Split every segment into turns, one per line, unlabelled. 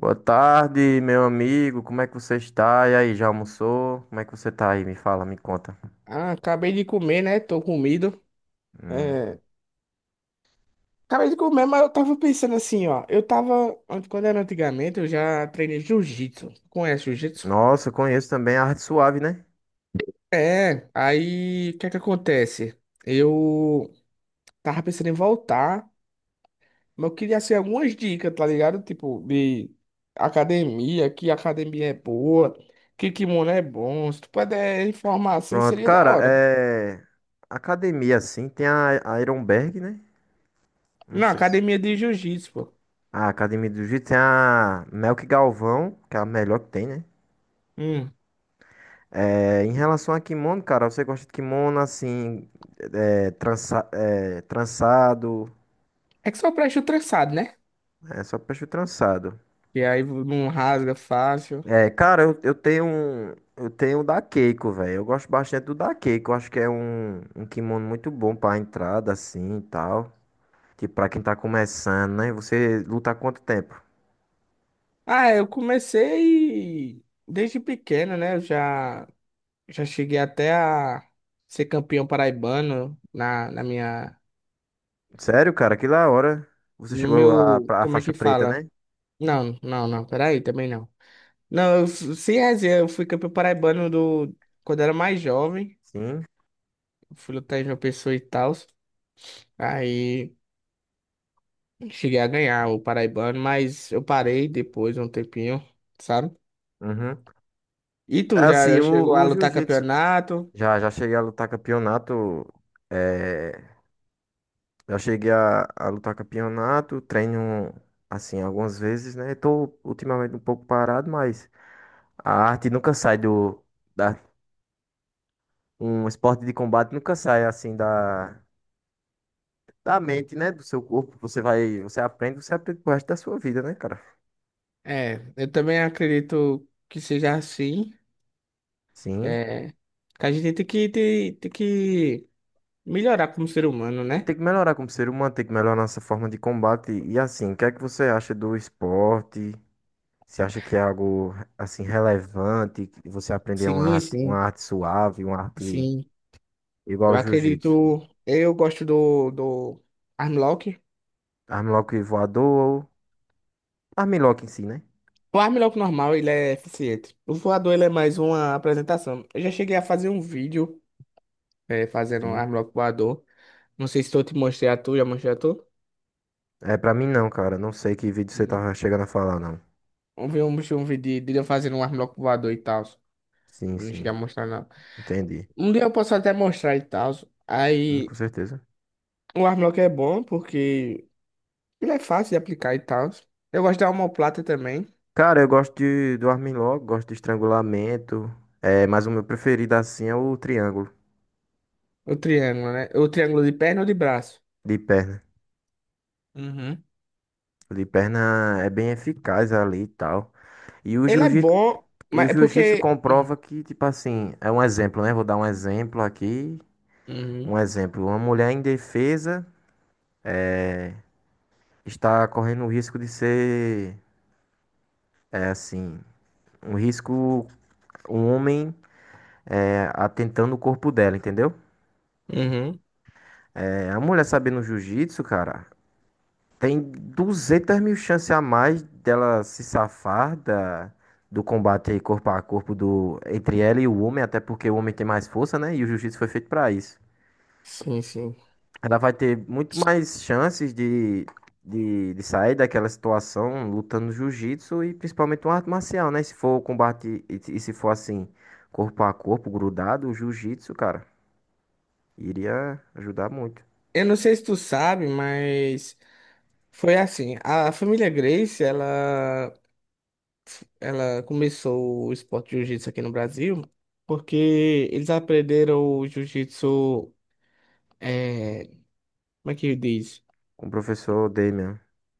Boa tarde, meu amigo. Como é que você está? E aí, já almoçou? Como é que você tá aí? Me fala, me conta.
Ah, acabei de comer, né? Tô comido.
Hum.
É, acabei de comer, mas eu tava pensando assim, ó. Quando era antigamente, eu já treinei jiu-jitsu. Conhece jiu-jitsu?
Nossa, eu conheço também a Arte Suave, né?
É, aí o que é que acontece? Eu Tava pensando em voltar, mas eu queria assim algumas dicas, tá ligado? Tipo, de academia, que academia é boa, que kimono é bom. Se tu puder informar assim,
Pronto,
seria da
cara,
hora.
é. Academia, assim, tem a Ironberg, né? Não
Não,
sei se.
academia de jiu-jitsu, pô.
A Academia do Jiu-Jitsu tem a Melk Galvão, que é a melhor que tem, né?
Hum.
É, em relação a kimono, cara, você gosta de kimono assim, é, é, trançado,
É que só presta o trançado, né?
é só peixe trançado.
E aí não rasga fácil.
É, cara, eu tenho um, eu tenho um da Keiko, velho. Eu gosto bastante do da Keiko. Eu acho que é um, um kimono muito bom pra entrada, assim, e tal. Tipo, pra quem tá começando, né? Você luta há quanto tempo?
Ah, é, eu comecei desde pequeno, né? Já cheguei até a ser campeão paraibano na minha.
Sério, cara, que da hora. Você
No
chegou a,
meu.
a
Como é
faixa
que
preta,
fala?
né?
Não, não, não, peraí, também não. Sem resenha, eu fui campeão paraibano do, quando era mais jovem.
Sim.
Fui lutar em João Pessoa e tal. Aí cheguei a ganhar o paraibano, mas eu parei depois, um tempinho, sabe?
Uhum.
E
É
tu já
assim,
já chegou
o,
a
o
lutar
jiu-jitsu.
campeonato?
Já cheguei a lutar campeonato. É, já cheguei a lutar campeonato. Treino, assim, algumas vezes, né? Tô ultimamente um pouco parado, mas. A arte nunca sai do. Da, um esporte de combate nunca sai assim da, da mente, né? Do seu corpo. Você vai. Você aprende pro resto da sua vida, né, cara?
É, eu também acredito que seja assim.
Sim.
É, que a gente tem que melhorar como ser humano,
E
né?
tem que melhorar como ser humano, tem que melhorar nossa forma de combate. E assim, o que é que você acha do esporte? Você acha que é algo assim relevante? Que você aprender
Sim,
uma
sim,
arte suave, uma arte
sim.
igual
Eu
ao jiu-jitsu?
acredito. Eu gosto do Armlock.
Armlock voador ou armlock em si, né?
O Armlock normal, ele é eficiente. O voador, ele é mais uma apresentação. Eu já cheguei a fazer um vídeo fazendo
Sim.
Armlock voador. Não sei se eu te mostrei a tu, já mostrei a tu?
É, pra mim não, cara. Não sei que vídeo você
Hum.
tava chegando a falar, não.
Eu vi um vídeo de eu fazendo um Armlock voador e tal.
Sim,
Não cheguei a
sim.
mostrar, não.
Entendi.
Um dia eu posso até mostrar e tal.
Com
Aí
certeza.
o Armlock é bom porque ele é fácil de aplicar e tal. Eu gosto da omoplata também.
Cara, eu gosto de, do Armin Log, gosto de estrangulamento. É, mas o meu preferido assim é o triângulo
O triângulo, né? O triângulo de perna ou de braço.
de perna.
Uhum.
O de perna é bem eficaz ali e tal. E o
Ele é
jiu-jitsu,
bom,
e
mas
o
é
jiu-jitsu
porque.
comprova que, tipo assim, é um exemplo, né? Vou dar um exemplo aqui. Um
Uhum,
exemplo. Uma mulher indefesa está correndo o risco de ser, é assim, um risco. Um homem é, atentando o corpo dela, entendeu?
uhum.
É, a mulher sabendo jiu-jitsu, cara. Tem 200 mil chances a mais dela se safar da, do combate corpo a corpo do, entre ela e o homem, até porque o homem tem mais força, né? E o jiu-jitsu foi feito pra isso.
Sim, sim.
Ela vai ter muito mais chances de sair daquela situação lutando no jiu-jitsu e principalmente uma arte marcial, né? Se for o combate e se for assim, corpo a corpo, grudado, o jiu-jitsu, cara, iria ajudar muito.
Eu não sei se tu sabe, mas foi assim. A família Grace, Ela começou o esporte de jiu-jitsu aqui no Brasil porque eles aprenderam o jiu-jitsu. é, Como é que diz?
Com o professor Damian.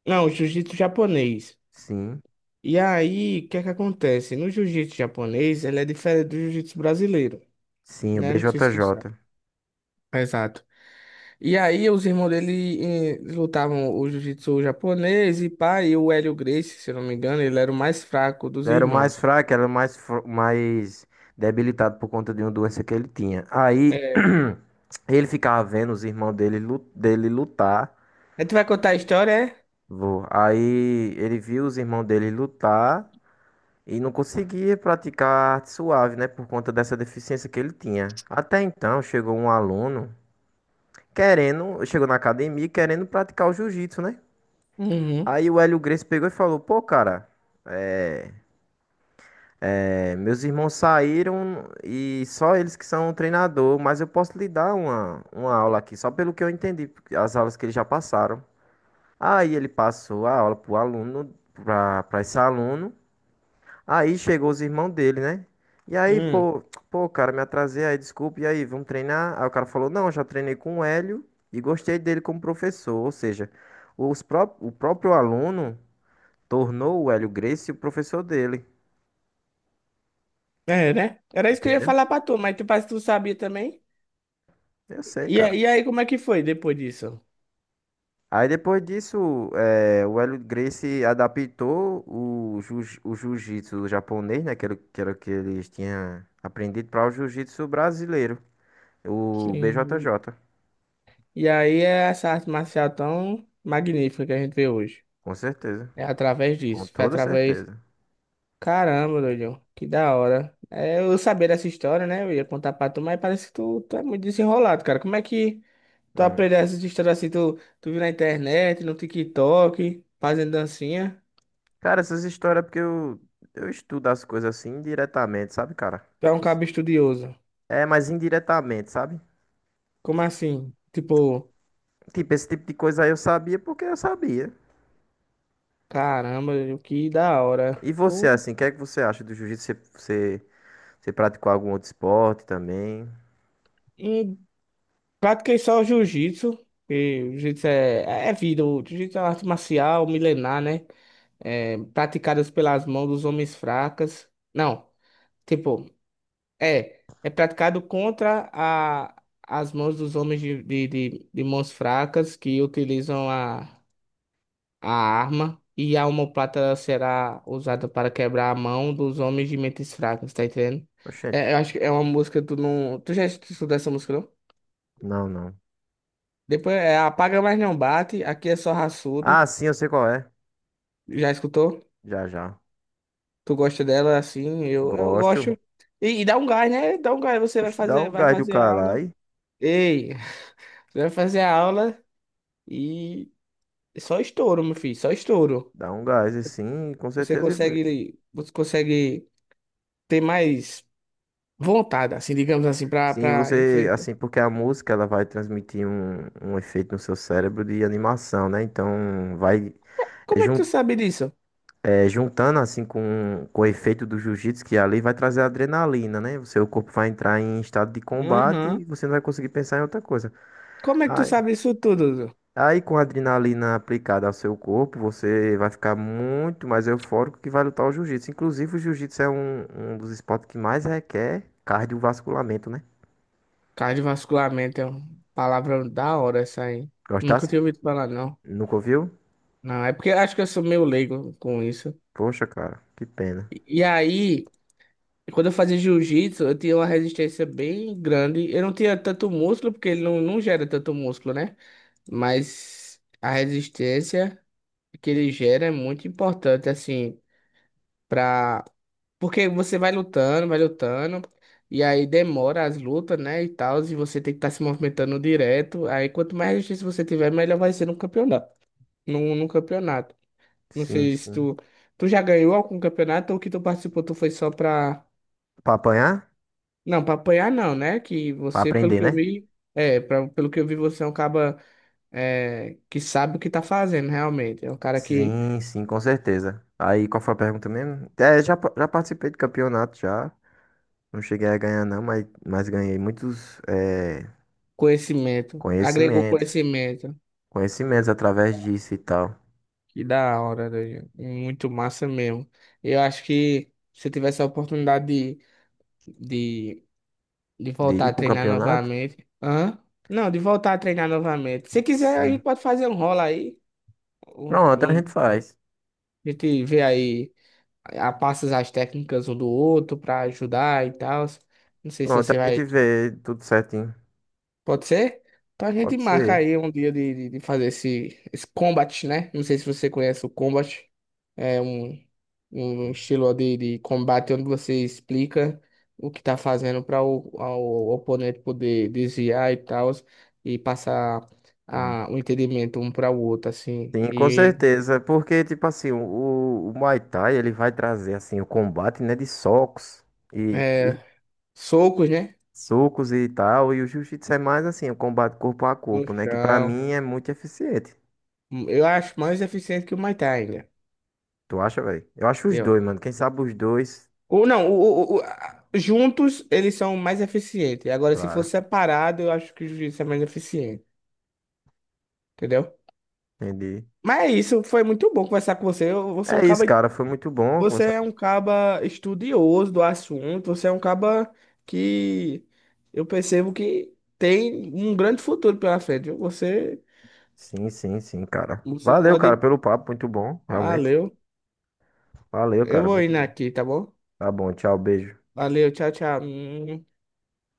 Não, jiu-jitsu japonês.
Sim,
E aí, o que é que acontece? No jiu-jitsu japonês, ele é diferente do jiu-jitsu brasileiro,
sim, o
né? Não sei se tu sabe.
BJJ.
Exato. E aí, os irmãos dele lutavam o jiu-jitsu japonês e pá, e o Hélio Gracie, se eu não me engano, ele era o mais fraco dos
Ele era o mais
irmãos.
fraco, era o mais, mais debilitado por conta de uma doença que ele tinha. Aí
É.
ele ficava vendo os irmãos dele, dele lutar.
Aí tu vai contar a história, é?
Vô. Aí ele viu os irmãos dele lutar e não conseguia praticar arte suave, né? Por conta dessa deficiência que ele tinha. Até então chegou um aluno querendo, chegou na academia querendo praticar o jiu-jitsu, né?
Uhum.
Aí o Hélio Gracie pegou e falou: Pô, cara. É, meus irmãos saíram e só eles que são treinador, mas eu posso lhe dar uma aula aqui, só pelo que eu entendi, porque as aulas que eles já passaram. Aí ele passou a aula pro aluno, pra, pra esse aluno. Aí chegou os irmãos dele, né? E aí,
Hum.
pô, pô, cara, me atrasei aí, desculpa, e aí, vamos treinar? Aí o cara falou, não, já treinei com o Hélio e gostei dele como professor. Ou seja, os pró o próprio aluno tornou o Hélio Gracie o professor dele.
É, né? Era isso que eu ia
Entendeu?
falar pra tu, mas tu, parece que tu sabia também.
Eu sei, cara.
E aí, como é que foi depois disso?
Aí depois disso, o Hélio Gracie adaptou o, o jiu-jitsu japonês, né, que era o que eles tinham aprendido, para o jiu-jitsu brasileiro, o
Sim.
BJJ,
E aí é essa arte marcial tão magnífica que a gente vê hoje.
com certeza,
É através
com
disso. Foi
toda
através.
certeza.
Caramba, doido. Que da hora. É, eu sabia dessa história, né? Eu ia contar pra tu, mas parece que tu é muito desenrolado, cara. Como é que tu
Hum.
aprendeu essas histórias assim? Tu viu na internet, no TikTok, fazendo dancinha?
Cara, essas histórias é porque eu estudo as coisas assim indiretamente, sabe, cara?
Tu é um cabo estudioso.
É, mas indiretamente, sabe?
Como assim? Tipo,
Tipo, esse tipo de coisa aí eu sabia porque eu sabia.
caramba, doido, que da hora.
E você,
Tu
assim, o que é que você acha do jiu-jitsu? Você, você praticou algum outro esporte também?
pratiquei só o jiu-jitsu, que o é vida, o jiu-jitsu é uma arte marcial milenar, né? É, praticadas pelas mãos dos homens fracas. Não, tipo, é praticado contra as mãos dos homens de mãos fracas que utilizam a arma e a omoplata será usada para quebrar a mão dos homens de mentes fracas, tá entendendo?
Oxente.
É, eu acho que é uma música, tu não... Tu já estudou essa música, não?
Não, não.
Depois é Apaga Mas Não Bate, aqui é só raçudo.
Ah, sim, eu sei qual é.
Já escutou?
Já, já.
Tu gosta dela assim? Eu
Gosto.
gosto. E dá um gás, né? Dá um gás, você
Oxe, dá um
vai
gás do
fazer a aula.
caralho.
Ei, você vai fazer a aula e só estouro, meu filho, só estouro.
Dá um gás, assim, com certeza.
Você consegue ter mais vontade, assim, digamos assim,
Sim,
pra
você,
enfrentar.
assim, porque a música, ela vai transmitir um, um efeito no seu cérebro de animação, né? Então, vai é,
Como é que tu sabe disso?
é, juntando, assim, com o efeito do jiu-jitsu, que é ali vai trazer adrenalina, né? O seu corpo vai entrar em estado de combate e
Aham.
você não vai conseguir pensar em outra coisa.
Como é que tu
Ah,
sabe isso tudo? Dudu?
Aí, com a adrenalina aplicada ao seu corpo, você vai ficar muito mais eufórico que vai lutar o jiu-jitsu. Inclusive, o jiu-jitsu é um, um dos esportes que mais requer cardiovasculamento, né?
Cardiovasculamento é uma palavra da hora essa aí. Nunca
Gostasse?
tinha ouvido falar, não.
Nunca ouviu?
Não, é porque eu acho que eu sou meio leigo com isso.
Poxa, cara, que pena.
E aí, quando eu fazia jiu-jitsu, eu tinha uma resistência bem grande. Eu não tinha tanto músculo, porque ele não, não gera tanto músculo, né? Mas a resistência que ele gera é muito importante, assim, pra... Porque você vai lutando, e aí demora as lutas, né, e tal, e você tem que estar se movimentando direto. Aí quanto mais resistência você tiver, melhor vai ser no campeonato. No campeonato. Não
Sim,
sei se
sim.
tu já ganhou algum campeonato ou que tu participou, tu foi só pra.
Pra apanhar?
Não, pra apanhar não, né? Que
Pra
você, pelo
aprender,
que eu
né?
vi, pelo que eu vi, você é um cara que sabe o que tá fazendo, realmente. É um cara que
Sim, sim, com certeza. Aí, qual foi a pergunta mesmo? É, já, já participei de campeonato, já. Não cheguei a ganhar, não, mas ganhei muitos, é,
conhecimento, agregou
conhecimentos.
conhecimento.
Conhecimentos através disso e tal.
Que da hora, doido. Muito massa mesmo. Eu acho que se eu tivesse a oportunidade de, de
De
voltar
ir
a
para um
treinar
campeonato?
novamente. Hã? Não, de voltar a treinar novamente. Se quiser, a gente
Sim.
pode fazer um rola aí. Um,
Pronto, a
um
gente faz.
A gente vê aí, passa as técnicas um do outro pra ajudar e tal. Não sei se
Pronto, a
você
gente
vai.
vê tudo certinho.
Pode ser? Então a gente
Pode
marca
ser.
aí um dia de fazer esse combat, né? Não sei se você conhece o combat. É um estilo de combate onde você explica o que tá fazendo para o oponente poder desviar e tal. E passar
Hum.
o entendimento um para o outro, assim.
Sim, com
E
certeza. Porque, tipo assim, o Muay Thai, ele vai trazer, assim, o combate, né, de socos
é,
e
socos, né?
socos e tal. E o Jiu-Jitsu é mais, assim, o combate corpo a
No
corpo, né? Que pra
chão.
mim é muito eficiente.
Eu acho mais eficiente que o Muay Thai ainda.
Tu acha, velho? Eu acho os
Eu
dois,
acho.
mano. Quem sabe os dois,
Ou não, juntos eles são mais eficientes. Agora, se for
claro.
separado, eu acho que o jiu-jitsu é mais eficiente. Entendeu?
Entendi.
Mas é isso, foi muito bom conversar com você. Você é um
É isso,
caba,
cara. Foi muito bom
você
conversar.
é um caba estudioso do assunto. Você é um caba que eu percebo que tem um grande futuro pela frente. Viu?
Sim, sim, sim, cara.
Você
Valeu, cara,
pode.
pelo papo. Muito bom, realmente.
Valeu.
Valeu,
Eu
cara.
vou
Muito
indo
bom.
aqui, tá bom?
Tá bom, tchau, beijo.
Valeu, tchau, tchau.